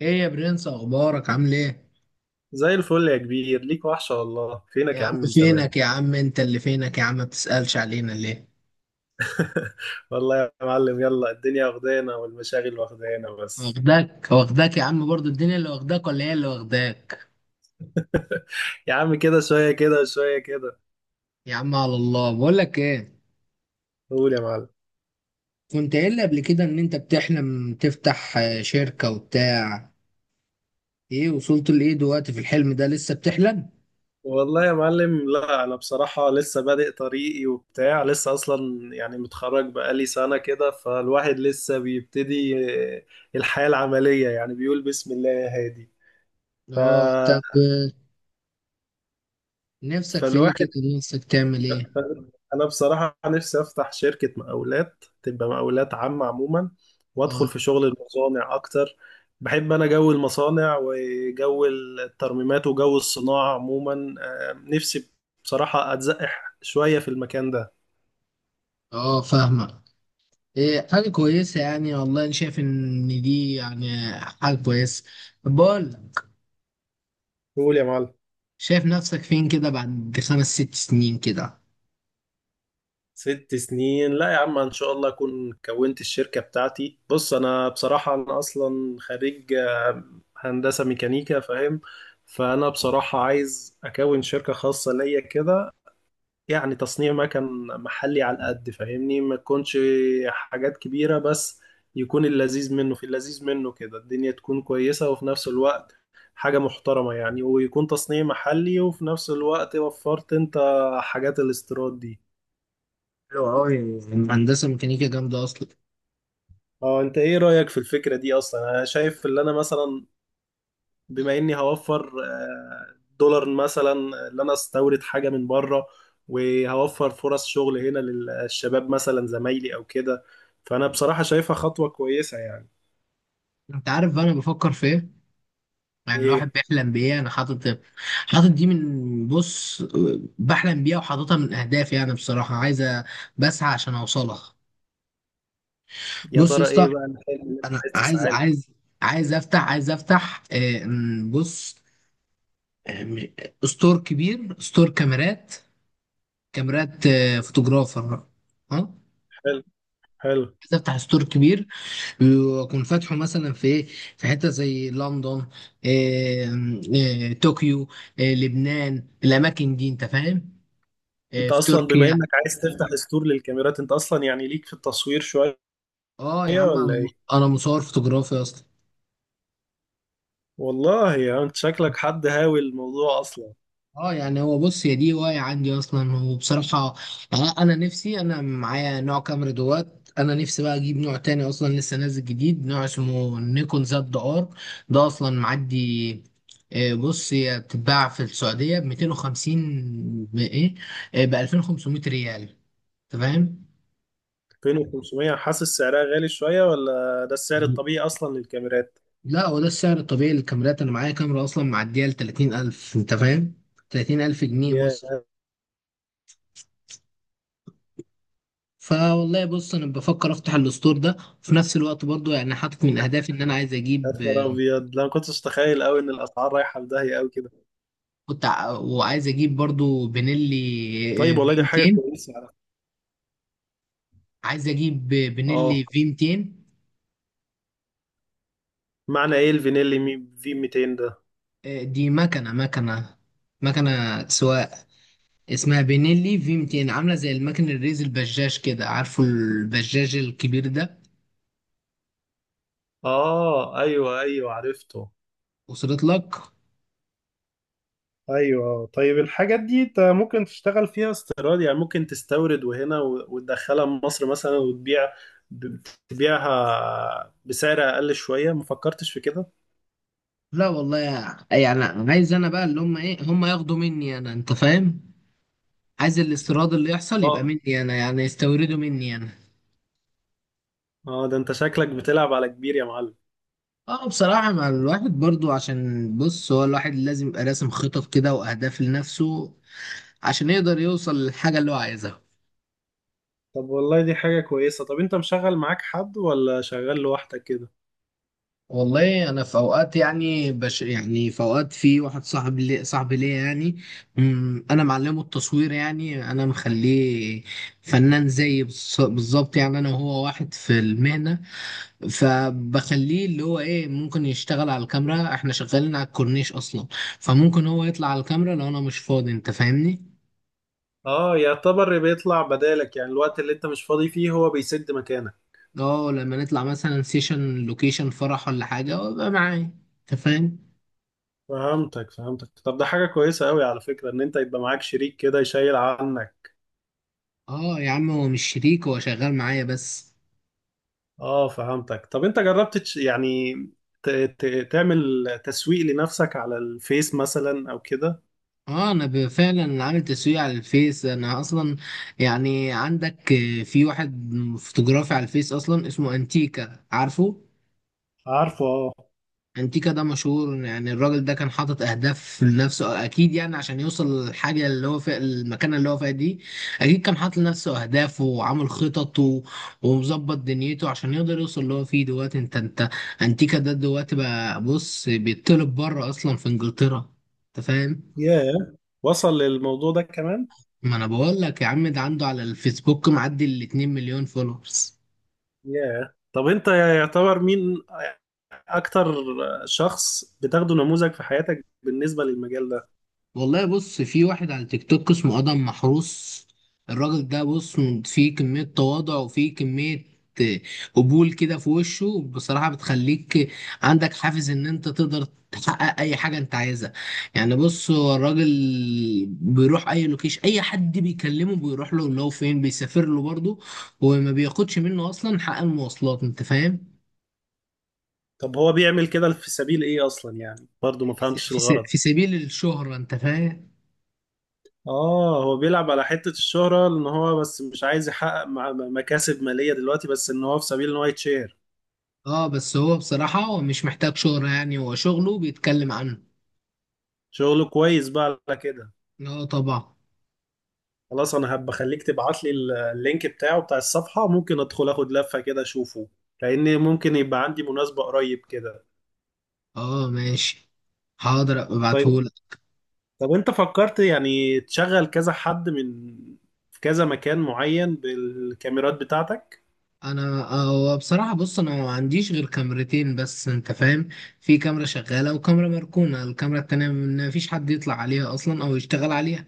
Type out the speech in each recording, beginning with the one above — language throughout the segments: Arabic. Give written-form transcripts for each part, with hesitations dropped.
ايه يا برنس، اخبارك؟ عامل ايه؟ زي الفل يا كبير، ليك وحشة والله. فينك يا يا عم عم من فينك؟ زمان؟ يا عم انت اللي فينك، يا عم ما بتسألش علينا ليه؟ والله يا معلم، يلا الدنيا واخدانا والمشاغل واخدانا بس. واخداك واخداك يا عم، برضو الدنيا اللي واخداك ولا هي اللي واخداك؟ يا عم كده، شوية كده وشوية كده. يا عم، على الله، بقول لك ايه. قول يا معلم. كنت قايل لي قبل كده ان انت بتحلم تفتح شركة وبتاع. ايه وصلت لايه دلوقتي في الحلم ده؟ لسه بتحلم؟ والله يا معلم، لا أنا بصراحة لسه بادئ طريقي وبتاع، لسه أصلا يعني متخرج بقالي سنة كده، فالواحد لسه بيبتدي آه، الحياة العملية، يعني بيقول بسم الله يا هادي. ف... اه، طب، نفسك في ايه فالواحد كده؟ نفسك تعمل ايه؟ انا بصراحه نفسي افتح شركه مقاولات، تبقى مقاولات عامه عموما، وادخل اه. في شغل المصانع اكتر. بحب انا جو المصانع وجو الترميمات وجو الصناعه عموما. نفسي بصراحه اتزقح شويه في المكان ده. اه، فاهمك. ايه، حاجة كويسة يعني، والله انا شايف ان دي يعني حاجة كويسة. بقول. قول يا معلم. شايف نفسك فين كده بعد خمس ست سنين كده؟ ست سنين؟ لا يا عم، ان شاء الله اكون كونت الشركه بتاعتي. بص، انا بصراحه انا اصلا خريج هندسه ميكانيكا، فاهم. فانا بصراحه عايز اكون شركه خاصه ليا كده، يعني تصنيع مكن محلي على قد فاهمني، ما تكونش حاجات كبيرة، بس يكون اللذيذ منه في اللذيذ منه كده، الدنيا تكون كويسة وفي نفس الوقت حاجة محترمة يعني، ويكون تصنيع محلي وفي نفس الوقت وفرت انت حاجات الاستيراد دي. حلو أوي، هندسة ميكانيكا جامدة أصلا. اه، انت ايه رأيك في الفكرة دي اصلا؟ انا شايف اللي انا مثلا بما اني هوفر دولار مثلا، اللي انا استورد حاجه من بره، وهوفر فرص شغل هنا للشباب مثلا زمايلي او كده، فانا بصراحه شايفها خطوه كويسه يعني. أنت عارف بقى أنا بفكر في إيه؟ يعني الواحد ايه؟ بيحلم بإيه؟ أنا حاطط حاطط دي، من، بص، بحلم بيها وحاططها من أهدافي، يعني بصراحة عايز بسعى عشان أوصلها. يا بص يا ترى اسطى، ايه بقى الحلم اللي انت أنا عايز عايز تسعى له؟ عايز عايز أفتح عايز أفتح آه، م- ستور كبير، ستور كاميرات فوتوغرافر. أه. حلو حلو. عايز أفتح ستور كبير، بيكون فاتحه مثلا في إيه؟ في حته زي لندن، آه، طوكيو، لبنان، الاماكن دي انت فاهم؟ انت في اصلا بما تركيا. انك عايز تفتح ستور للكاميرات، انت اصلا يعني ليك في التصوير شويه اه، يا عم، ولا انا ايه؟ انا مصور فوتوغرافي اصلا. والله يا، انت شكلك حد هاوي الموضوع اصلا. اه، يعني هو، بص، هي دي هواية عندي اصلا، وبصراحة يعني انا نفسي، انا معايا نوع كاميرا دوات، انا نفسي بقى اجيب نوع تاني اصلا، لسه نازل جديد، نوع اسمه نيكون زد ار، ده اصلا معدي. بص، هي بتتباع في السعودية ب 250، بايه، ب 2500 ريال. انت فاهم؟ 2500؟ حاسس سعرها غالي شويه ولا ده السعر الطبيعي اصلا للكاميرات؟ لا، هو ده السعر الطبيعي للكاميرات. انا معايا كاميرا اصلا معدية ل 30,000. انت فاهم؟ 30,000 جنيه ياه. مصري. فوالله، بص، انا بفكر افتح الستور ده، وفي نفس الوقت برضو يعني حاطط من اهدافي ان انا عايز يا اجيب نهار ابيض، لا ما كنتش اتخيل قوي ان الاسعار رايحه في داهيه قوي كده. وعايز اجيب برضو بنيلي طيب والله في دي حاجه 200. كويسه على فكرة. عايز اجيب بنيلي اه، في 200. معنى ايه الفينيلي مي في 200 ده؟ دي مكنه سواق، اسمها بنيلي في 200، عامله زي المكن الريز البجاج كده، عارفه البجاج الكبير ده؟ اه ايوه ايوه عرفته. وصلت لك؟ ايوه. طيب الحاجات دي انت ممكن تشتغل فيها استيراد، يعني ممكن تستورد وهنا وتدخلها مصر مثلا وتبيع ب- تبيعها بسعر اقل شويه، ما فكرتش في كده؟ لا والله. يعني عايز انا بقى، اللي هم ايه، هم ياخدوا مني انا، انت فاهم؟ عايز الاستيراد اللي يحصل يبقى اه مني انا، يعني يستورده مني انا. اه، ده انت شكلك بتلعب على كبير يا معلم. اه، بصراحة مع الواحد برضو، عشان بص هو الواحد لازم يبقى راسم خطط كده واهداف لنفسه، عشان يقدر يوصل للحاجة اللي هو عايزها. طب والله دي حاجة كويسة. طب انت مشغل معاك حد ولا شغال لوحدك كده؟ والله انا في اوقات، يعني يعني، في اوقات في واحد صاحبي ليا يعني انا معلمه التصوير، يعني انا مخليه فنان زيي، بالظبط، يعني انا وهو واحد في المهنة. فبخليه اللي هو ايه، ممكن يشتغل على الكاميرا، احنا شغالين على الكورنيش اصلا، فممكن هو يطلع على الكاميرا لو انا مش فاضي، انت فاهمني؟ اه يعتبر بيطلع بدالك يعني، الوقت اللي انت مش فاضي فيه هو بيسد مكانك. اه، لما نطلع مثلا سيشن، لوكيشن فرح ولا حاجة، وابقى معايا، انت فاهم؟ فهمتك فهمتك. طب ده حاجة كويسة قوي على فكرة ان انت يبقى معاك شريك كده يشيل عنك. اه، يا عم، هو مش شريك، هو شغال معايا بس. اه فهمتك. طب انت جربت يعني تعمل تسويق لنفسك على الفيس مثلا او كده؟ اه، انا فعلا عامل تسويق على الفيس، انا اصلا. يعني عندك في واحد فوتوغرافي على الفيس اصلا، اسمه انتيكا، عارفه؟ عارفه اه. انتيكا ده مشهور، يعني الراجل ده كان حاطط اهداف لنفسه اكيد، يعني عشان يوصل للحاجه اللي هو فيها، المكانه اللي هو فيها دي، اكيد كان حاطط لنفسه اهداف، وعامل خطط ومظبط دنيته، عشان يقدر يوصل اللي هو فيه دلوقتي. انت انتيكا ده دلوقتي بقى، بص، بيطلب بره اصلا، في انجلترا. انت فاهم؟ ياه، وصل للموضوع ده كمان؟ ما انا بقول لك يا عم، ده عنده على الفيسبوك معدي ال 2 مليون فولورز. ياه. طب انت يعتبر مين اكتر شخص بتاخده نموذج في حياتك بالنسبة للمجال ده؟ والله، بص، في واحد على تيك توك اسمه ادم محروس. الراجل ده، بص، فيه كمية تواضع، وفيه كمية آه، قبول كده في وشه، بصراحة بتخليك عندك حافز ان انت تقدر تحقق اي حاجة انت عايزها. يعني بص، هو الراجل بيروح اي اي حد بيكلمه بيروح له، لو فين بيسافر له برضه، وما بياخدش منه اصلا حق المواصلات، انت فاهم؟ طب هو بيعمل كده في سبيل ايه اصلا يعني؟ برضو ما فهمتش الغرض. في سبيل الشهرة، انت فاهم؟ اه، هو بيلعب على حتة الشهرة، ان هو بس مش عايز يحقق مكاسب مالية دلوقتي، بس ان هو في سبيل ان هو يتشير. اه، بس هو بصراحة هو مش محتاج شهرة، يعني هو شغله بيتكلم عنه. شغله كويس بقى على كده. اه، طبعا. خلاص، انا هبقى خليك تبعت لي اللينك بتاعه بتاع الصفحة، ممكن ادخل اخد لفة كده اشوفه، لان ممكن يبقى عندي مناسبة قريب كده. اه، ماشي. حاضر، أبقى طيب. ابعتهولك. طب انت فكرت يعني تشغل كذا حد من، في كذا مكان معين، بالكاميرات بتاعتك؟ انا هو بصراحة، بص، انا ما عنديش غير كاميرتين بس، انت فاهم؟ في كاميرا شغالة وكاميرا مركونة، الكاميرا التانية ما فيش حد يطلع عليها اصلا او يشتغل عليها.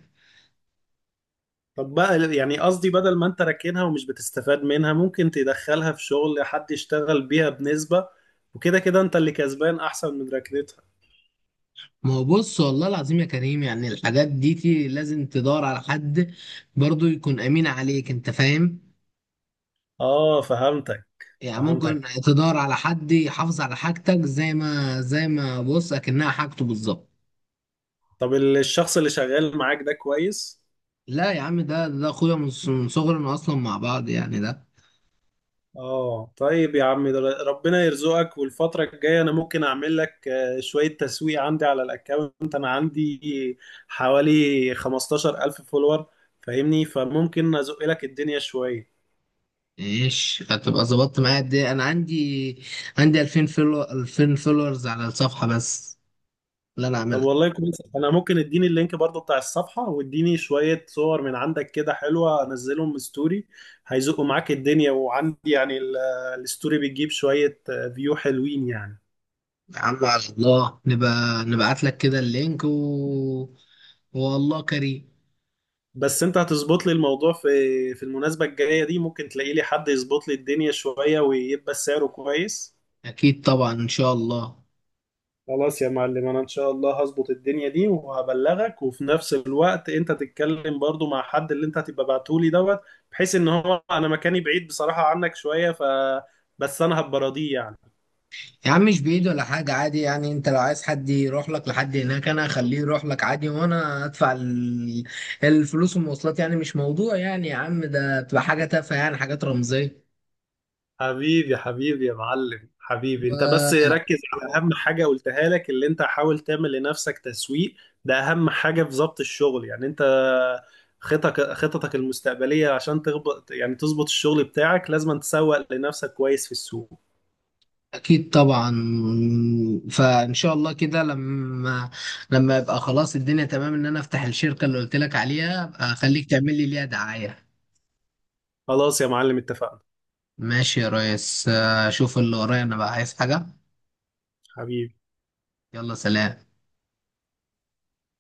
طب بقى يعني قصدي، بدل ما انت راكنها ومش بتستفاد منها، ممكن تدخلها في شغل حد يشتغل بيها بنسبة، وكده كده انت اللي كسبان احسن من ركنتها. ما هو بص، والله العظيم يا كريم، يعني الحاجات دي لازم تدور على حد برضو يكون امين عليك، انت فاهم؟ اه فهمتك يعني ممكن فهمتك. تدور على حد يحافظ على حاجتك زي ما بص اكنها حاجته بالظبط. طب الشخص اللي شغال معاك ده كويس؟ لا يا عم، ده اخويا من من صغرنا اصلا مع بعض، يعني ده. اه طيب يا عم، ده ربنا يرزقك. والفترة الجاية انا ممكن اعمل لك شوية تسويق عندي على الاكونت، انا عندي حوالي 15000 فولور فاهمني، فممكن ازق لك الدنيا شوية. ايش هتبقى ظبطت معايا قد ايه؟ انا عندي 2000 فولورز على الصفحه بس، اللي انا طب اعملها. والله كويس، انا ممكن اديني اللينك برضو بتاع الصفحة، واديني شوية صور من عندك كده حلوة، انزلهم من ستوري، هيزقوا معاك الدنيا. وعندي يعني الستوري بتجيب شوية فيو حلوين يعني. يا عم، على الله نبقى نبعت لك كده اللينك والله كريم. بس انت هتظبط لي الموضوع في المناسبة الجاية دي، ممكن تلاقي لي حد يظبط لي الدنيا شوية ويبقى سعره كويس. اكيد طبعا، ان شاء الله. خلاص يا معلم، انا ان شاء الله هظبط الدنيا دي وهبلغك، وفي نفس الوقت انت تتكلم برضو مع حد اللي انت هتبقى بعتولي دوت، بحيث ان هو انا مكاني بعيد بصراحة عنك شوية، بس انا هبقى راضيه يعني. يا عم، مش بعيد ولا حاجة، عادي يعني، انت لو عايز حد يروح لك لحد هناك، انا اخليه يروح لك عادي، وانا ادفع الفلوس والمواصلات، يعني مش موضوع، يعني يا عم ده بتبقى حاجة تافهة يعني، حاجات رمزية. حبيبي حبيبي يا معلم، حبيبي انت، بس ركز على اهم حاجة قلتها لك، اللي انت حاول تعمل لنفسك تسويق، ده اهم حاجة في ضبط الشغل يعني. انت خططك خططك المستقبلية، عشان تغبط يعني تظبط الشغل بتاعك، لازم تسوق لنفسك كويس في السوق. اكيد طبعا. فان شاء الله كده، لما يبقى خلاص الدنيا تمام، ان انا افتح الشركة اللي قلت لك عليها، أبقى اخليك تعمل لي ليها دعاية. خلاص يا معلم اتفقنا. ماشي يا ريس، اشوف اللي ورايا انا بقى، عايز حاجة. حبيبي. يلا، سلام.